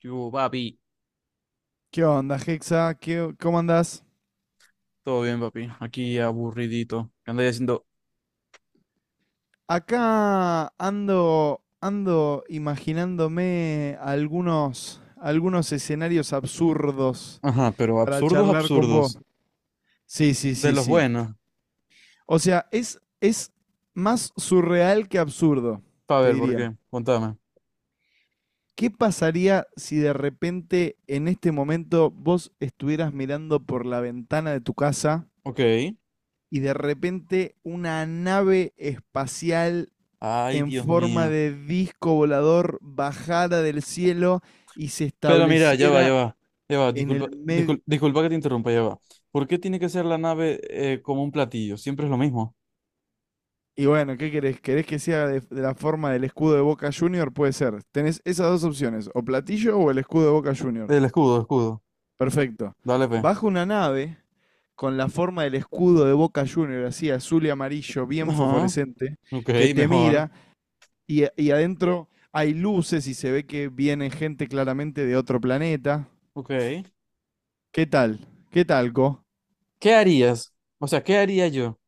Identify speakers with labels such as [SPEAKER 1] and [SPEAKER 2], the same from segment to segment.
[SPEAKER 1] ¡Qué Yo, papi,
[SPEAKER 2] ¿Qué onda, Hexa? ¿Qué, cómo andás?
[SPEAKER 1] todo bien, papi. Aquí aburridito. ¿Qué andáis haciendo?
[SPEAKER 2] Acá ando, ando imaginándome algunos escenarios absurdos
[SPEAKER 1] Ajá, pero
[SPEAKER 2] para
[SPEAKER 1] absurdos,
[SPEAKER 2] charlar con vos.
[SPEAKER 1] absurdos.
[SPEAKER 2] Sí, sí,
[SPEAKER 1] De
[SPEAKER 2] sí,
[SPEAKER 1] los
[SPEAKER 2] sí.
[SPEAKER 1] buenos.
[SPEAKER 2] O sea, es más surreal que absurdo,
[SPEAKER 1] Pa'
[SPEAKER 2] te
[SPEAKER 1] ver, ¿por
[SPEAKER 2] diría.
[SPEAKER 1] qué? Contame.
[SPEAKER 2] ¿Qué pasaría si de repente en este momento vos estuvieras mirando por la ventana de tu casa
[SPEAKER 1] Ok.
[SPEAKER 2] y de repente una nave espacial
[SPEAKER 1] Ay,
[SPEAKER 2] en
[SPEAKER 1] Dios
[SPEAKER 2] forma
[SPEAKER 1] mío.
[SPEAKER 2] de disco volador bajara del cielo y se
[SPEAKER 1] Pero mira, ya va, ya
[SPEAKER 2] estableciera
[SPEAKER 1] va. Ya va,
[SPEAKER 2] en
[SPEAKER 1] disculpa,
[SPEAKER 2] el medio?
[SPEAKER 1] disculpa que te interrumpa, ya va. ¿Por qué tiene que ser la nave como un platillo? Siempre es lo mismo.
[SPEAKER 2] Y bueno, ¿qué querés? ¿Querés que sea de la forma del escudo de Boca Junior? Puede ser. Tenés esas dos opciones, o platillo o el escudo de Boca Junior.
[SPEAKER 1] El escudo, el escudo.
[SPEAKER 2] Perfecto.
[SPEAKER 1] Dale, pe.
[SPEAKER 2] Baja una nave con la forma del escudo de Boca Junior, así azul y amarillo, bien
[SPEAKER 1] Ajá,
[SPEAKER 2] fosforescente,
[SPEAKER 1] ok,
[SPEAKER 2] que te
[SPEAKER 1] mejor.
[SPEAKER 2] mira y adentro hay luces y se ve que viene gente claramente de otro planeta.
[SPEAKER 1] Ok.
[SPEAKER 2] ¿Qué tal? ¿Qué tal, Co?
[SPEAKER 1] ¿Qué harías? O sea, ¿qué haría yo?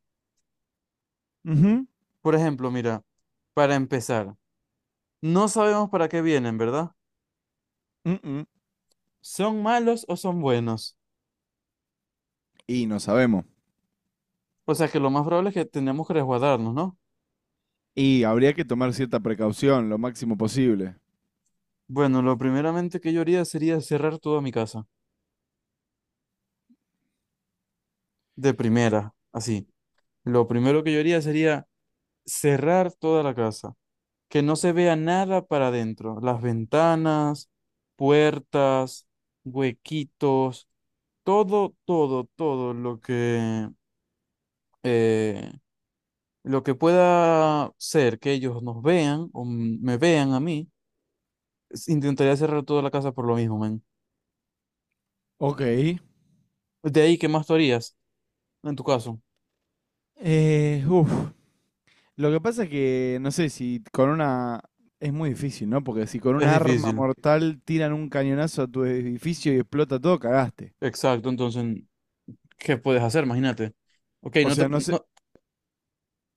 [SPEAKER 2] Ujú.
[SPEAKER 1] Por ejemplo, mira, para empezar, no sabemos para qué vienen, ¿verdad?
[SPEAKER 2] Mm-mm.
[SPEAKER 1] ¿Son malos o son buenos?
[SPEAKER 2] Y no sabemos.
[SPEAKER 1] O sea que lo más probable es que tenemos que resguardarnos, ¿no?
[SPEAKER 2] Y habría que tomar cierta precaución, lo máximo posible.
[SPEAKER 1] Bueno, lo primeramente que yo haría sería cerrar toda mi casa. De primera, así. Lo primero que yo haría sería cerrar toda la casa. Que no se vea nada para adentro. Las ventanas, puertas, huequitos, todo eh, lo que pueda ser que ellos nos vean o me vean a mí. Intentaría cerrar toda la casa por lo mismo, man.
[SPEAKER 2] Ok.
[SPEAKER 1] De ahí, ¿qué más tú harías? En tu caso,
[SPEAKER 2] Uf. Lo que pasa es que, no sé, si con una... Es muy difícil, ¿no? Porque si con un
[SPEAKER 1] es
[SPEAKER 2] arma
[SPEAKER 1] difícil.
[SPEAKER 2] mortal tiran un cañonazo a tu edificio y explota todo, cagaste.
[SPEAKER 1] Exacto, entonces, ¿qué puedes hacer? Imagínate. Ok,
[SPEAKER 2] O
[SPEAKER 1] no te...
[SPEAKER 2] sea, no sé,
[SPEAKER 1] No,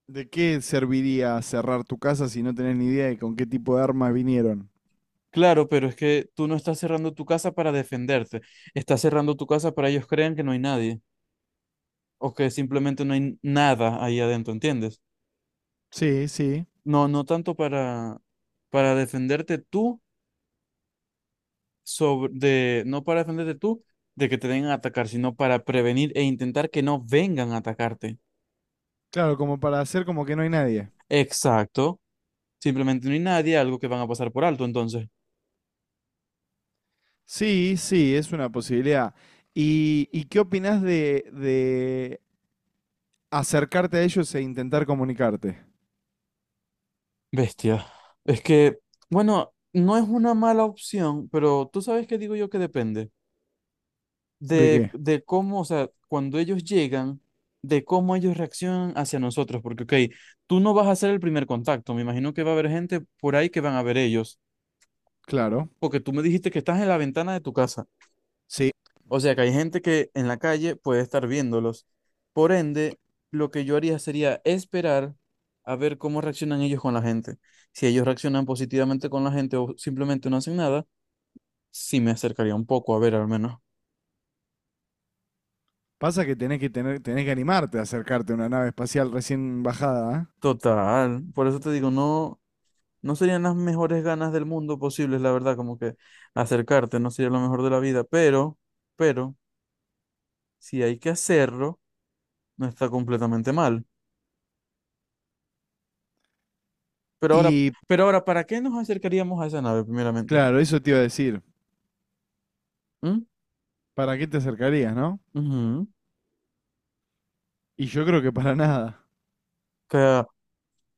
[SPEAKER 2] ¿de qué serviría cerrar tu casa si no tenés ni idea de con qué tipo de armas vinieron?
[SPEAKER 1] claro, pero es que tú no estás cerrando tu casa para defenderte. Estás cerrando tu casa para ellos crean que no hay nadie. O que simplemente no hay nada ahí adentro, ¿entiendes?
[SPEAKER 2] Sí, sí.
[SPEAKER 1] No, no tanto para defenderte tú sobre... De, no para defenderte tú de que te vengan a atacar, sino para prevenir e intentar que no vengan a atacarte.
[SPEAKER 2] Claro, como para hacer como que no hay nadie.
[SPEAKER 1] Exacto. Simplemente no hay nadie, algo que van a pasar por alto, entonces.
[SPEAKER 2] Sí, sí, es una posibilidad. Y qué opinás de acercarte a ellos e intentar comunicarte?
[SPEAKER 1] Bestia. Es que, bueno, no es una mala opción, pero tú sabes que digo yo que depende
[SPEAKER 2] ¿De
[SPEAKER 1] de,
[SPEAKER 2] qué?
[SPEAKER 1] de cómo, o sea, cuando ellos llegan, de cómo ellos reaccionan hacia nosotros, porque, ok, tú no vas a hacer el primer contacto, me imagino que va a haber gente por ahí que van a ver ellos,
[SPEAKER 2] Claro.
[SPEAKER 1] porque tú me dijiste que estás en la ventana de tu casa.
[SPEAKER 2] Sí.
[SPEAKER 1] O sea que hay gente que en la calle puede estar viéndolos. Por ende, lo que yo haría sería esperar a ver cómo reaccionan ellos con la gente. Si ellos reaccionan positivamente con la gente o simplemente no hacen nada, sí me acercaría un poco a ver al menos.
[SPEAKER 2] Pasa que tenés que tener, tenés que animarte a acercarte a una nave espacial recién bajada, ¿eh?
[SPEAKER 1] Total, por eso te digo, no, no serían las mejores ganas del mundo posibles, la verdad, como que acercarte no sería lo mejor de la vida, pero, si hay que hacerlo, no está completamente mal. Pero ahora,
[SPEAKER 2] Y
[SPEAKER 1] pero ahora, ¿para qué nos acercaríamos a esa nave primeramente?
[SPEAKER 2] claro, eso te iba a decir.
[SPEAKER 1] ¿Mm?
[SPEAKER 2] ¿Para qué te acercarías, no?
[SPEAKER 1] Ujú.
[SPEAKER 2] Y yo creo que para nada.
[SPEAKER 1] O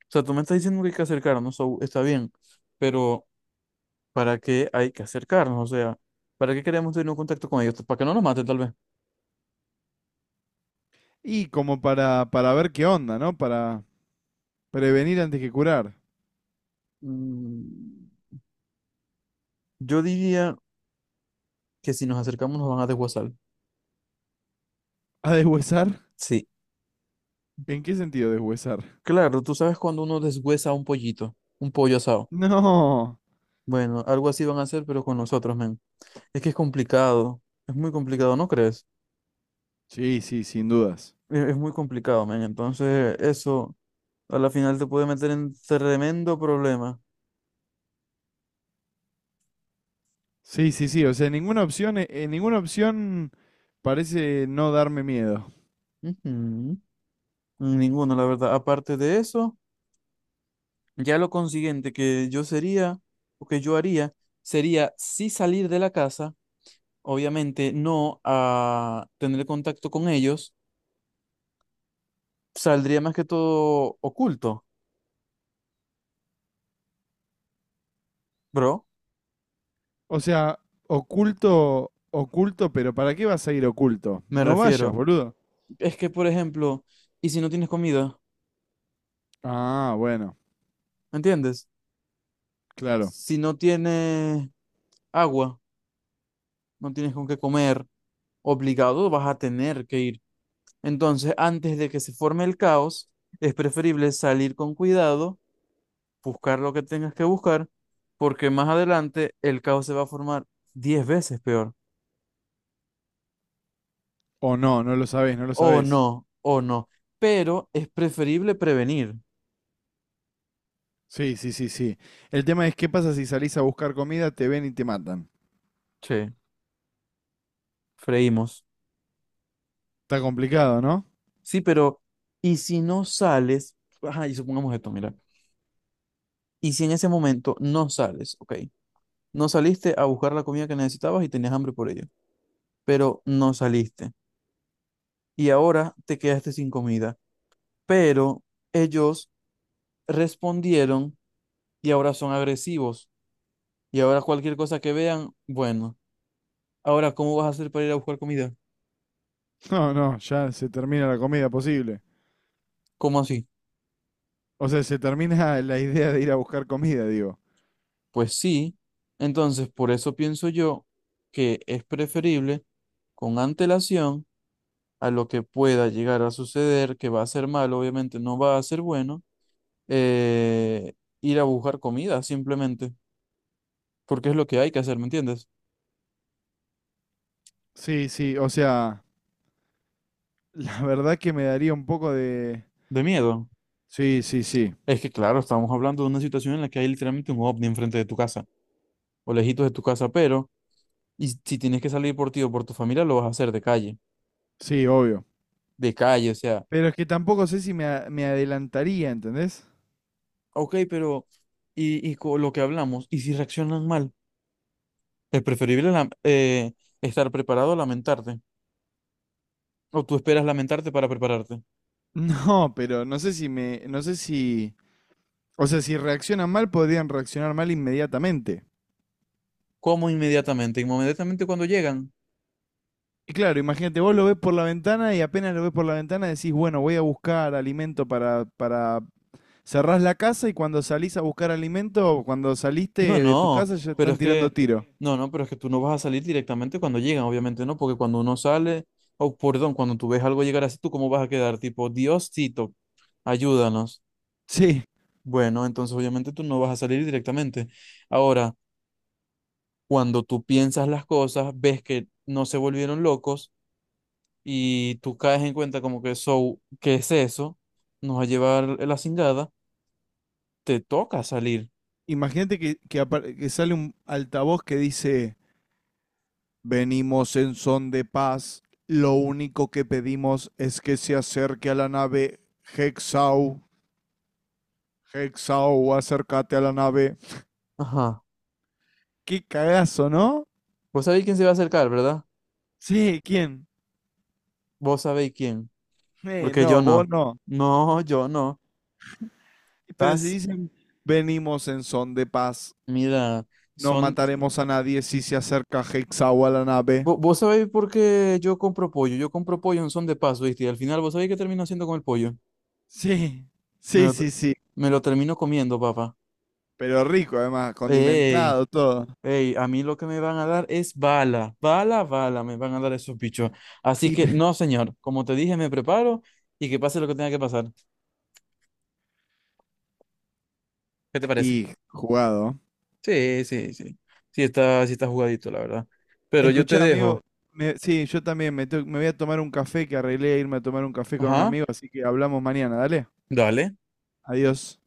[SPEAKER 1] sea, tú me estás diciendo que hay que acercarnos, so, está bien, pero ¿para qué hay que acercarnos? O sea, ¿para qué queremos tener un contacto con ellos? Pues, para que no nos maten, tal vez.
[SPEAKER 2] Y como para ver qué onda, ¿no? Para prevenir antes que curar.
[SPEAKER 1] Mm, yo diría que si nos acercamos nos van a deshuesar.
[SPEAKER 2] ¿A deshuesar?
[SPEAKER 1] Sí,
[SPEAKER 2] ¿En qué sentido deshuesar?
[SPEAKER 1] claro, tú sabes cuando uno deshuesa un pollito, un pollo asado.
[SPEAKER 2] No.
[SPEAKER 1] Bueno, algo así van a hacer, pero con nosotros, men. Es que es complicado, es muy complicado, ¿no crees?
[SPEAKER 2] Sí, sí, sin dudas.
[SPEAKER 1] Es muy complicado, men. Entonces, eso a la final te puede meter en tremendo problema.
[SPEAKER 2] Sí, sí, sí. O sea, ninguna opción parece no darme miedo.
[SPEAKER 1] Ujú. Ninguno, la verdad. Aparte de eso, ya lo consiguiente que yo sería o que yo haría sería sí salir de la casa, obviamente no a tener contacto con ellos, saldría más que todo oculto, bro.
[SPEAKER 2] O sea, oculto, oculto, pero ¿para qué vas a ir oculto?
[SPEAKER 1] Me
[SPEAKER 2] No vayas,
[SPEAKER 1] refiero.
[SPEAKER 2] boludo.
[SPEAKER 1] Es que, por ejemplo, ¿y si no tienes comida?
[SPEAKER 2] Ah, bueno,
[SPEAKER 1] ¿Entiendes?
[SPEAKER 2] claro.
[SPEAKER 1] Si no tienes agua, no tienes con qué comer, obligado vas a tener que ir. Entonces, antes de que se forme el caos, es preferible salir con cuidado, buscar lo que tengas que buscar, porque más adelante el caos se va a formar 10 veces peor.
[SPEAKER 2] O no, no lo sabés, no lo
[SPEAKER 1] O
[SPEAKER 2] sabés.
[SPEAKER 1] no, o no. Pero es preferible prevenir.
[SPEAKER 2] Sí, sí, sí, sí. El tema es qué pasa si salís a buscar comida, te ven y te matan.
[SPEAKER 1] Che, freímos.
[SPEAKER 2] Está complicado, ¿no?
[SPEAKER 1] Sí, pero ¿y si no sales? Ajá, y supongamos esto, mira. ¿Y si en ese momento no sales? Ok. No saliste a buscar la comida que necesitabas y tenías hambre por ello, pero no saliste. Y ahora te quedaste sin comida. Pero ellos respondieron y ahora son agresivos. Y ahora cualquier cosa que vean, bueno, ahora ¿cómo vas a hacer para ir a buscar comida?
[SPEAKER 2] No, no, ya se termina la comida posible.
[SPEAKER 1] ¿Cómo así?
[SPEAKER 2] O sea, se termina la idea de ir a buscar comida, digo.
[SPEAKER 1] Pues sí, entonces por eso pienso yo que es preferible con antelación a lo que pueda llegar a suceder, que va a ser malo, obviamente no va a ser bueno, eh, ir a buscar comida simplemente, porque es lo que hay que hacer, ¿me entiendes?
[SPEAKER 2] Sí, sí, o sea, la verdad que me daría un poco de,
[SPEAKER 1] De miedo.
[SPEAKER 2] Sí, sí, sí.
[SPEAKER 1] Es que claro, estamos hablando de una situación en la que hay literalmente un ovni enfrente de tu casa, o lejitos de tu casa, pero... Y si tienes que salir por ti o por tu familia, lo vas a hacer
[SPEAKER 2] Sí, obvio.
[SPEAKER 1] de calle, o sea,
[SPEAKER 2] Pero es que tampoco sé si me, a- me adelantaría, ¿entendés?
[SPEAKER 1] ok, pero, y con lo que hablamos, y si reaccionan mal, es preferible estar preparado a lamentarte, o tú esperas lamentarte para prepararte.
[SPEAKER 2] No, pero no sé si me, no sé si, o sea, si reaccionan mal, podrían reaccionar mal inmediatamente.
[SPEAKER 1] ¿Cómo inmediatamente? Inmediatamente cuando llegan.
[SPEAKER 2] Y claro, imagínate, vos lo ves por la ventana y apenas lo ves por la ventana decís, bueno, voy a buscar alimento cerrás la casa y cuando salís a buscar alimento, cuando saliste
[SPEAKER 1] No,
[SPEAKER 2] de tu
[SPEAKER 1] no,
[SPEAKER 2] casa ya
[SPEAKER 1] pero
[SPEAKER 2] están
[SPEAKER 1] es
[SPEAKER 2] tirando
[SPEAKER 1] que,
[SPEAKER 2] tiro.
[SPEAKER 1] no, no, pero es que tú no vas a salir directamente cuando llegan, obviamente no, porque cuando uno sale, o perdón, cuando tú ves algo llegar así, ¿tú cómo vas a quedar? Tipo, Diosito, ayúdanos.
[SPEAKER 2] Sí.
[SPEAKER 1] Bueno, entonces obviamente tú no vas a salir directamente. Ahora, cuando tú piensas las cosas, ves que no se volvieron locos y tú caes en cuenta como que eso, ¿qué es eso? Nos va a llevar la cingada, te toca salir.
[SPEAKER 2] Imagínate que que sale un altavoz que dice, venimos en son de paz. Lo único que pedimos es que se acerque a la nave Hexau. Hexau, acércate a la nave.
[SPEAKER 1] Ajá.
[SPEAKER 2] Qué cagazo, ¿no?
[SPEAKER 1] Vos sabéis quién se va a acercar, ¿verdad?
[SPEAKER 2] Sí, ¿quién?
[SPEAKER 1] Vos sabéis quién. Porque yo
[SPEAKER 2] No, vos
[SPEAKER 1] no.
[SPEAKER 2] no.
[SPEAKER 1] No, yo no.
[SPEAKER 2] Pero si
[SPEAKER 1] Estás,
[SPEAKER 2] dicen, venimos en son de paz.
[SPEAKER 1] mira,
[SPEAKER 2] No
[SPEAKER 1] son...
[SPEAKER 2] mataremos a nadie si se acerca Hexau a la nave.
[SPEAKER 1] Vos sabéis por qué yo compro pollo. Yo compro pollo en son de paso, ¿viste? Y al final, ¿vos sabéis qué termino haciendo con el pollo?
[SPEAKER 2] Sí,
[SPEAKER 1] Me
[SPEAKER 2] sí,
[SPEAKER 1] lo,
[SPEAKER 2] sí, sí.
[SPEAKER 1] me lo termino comiendo, papá.
[SPEAKER 2] Pero rico, además,
[SPEAKER 1] Ey,
[SPEAKER 2] condimentado, todo.
[SPEAKER 1] ey, a mí lo que me van a dar es bala, bala, bala, me van a dar esos bichos. Así
[SPEAKER 2] Y,
[SPEAKER 1] que no, señor, como te dije, me preparo y que pase lo que tenga que pasar. ¿Qué te parece?
[SPEAKER 2] y jugado.
[SPEAKER 1] Sí, sí, sí. Sí está jugadito, la verdad. Pero yo te
[SPEAKER 2] Escuchá, amigo,
[SPEAKER 1] dejo.
[SPEAKER 2] sí, yo también me voy a tomar un café que arreglé irme a tomar un café con un
[SPEAKER 1] Ajá,
[SPEAKER 2] amigo, así que hablamos mañana, dale.
[SPEAKER 1] dale.
[SPEAKER 2] Adiós.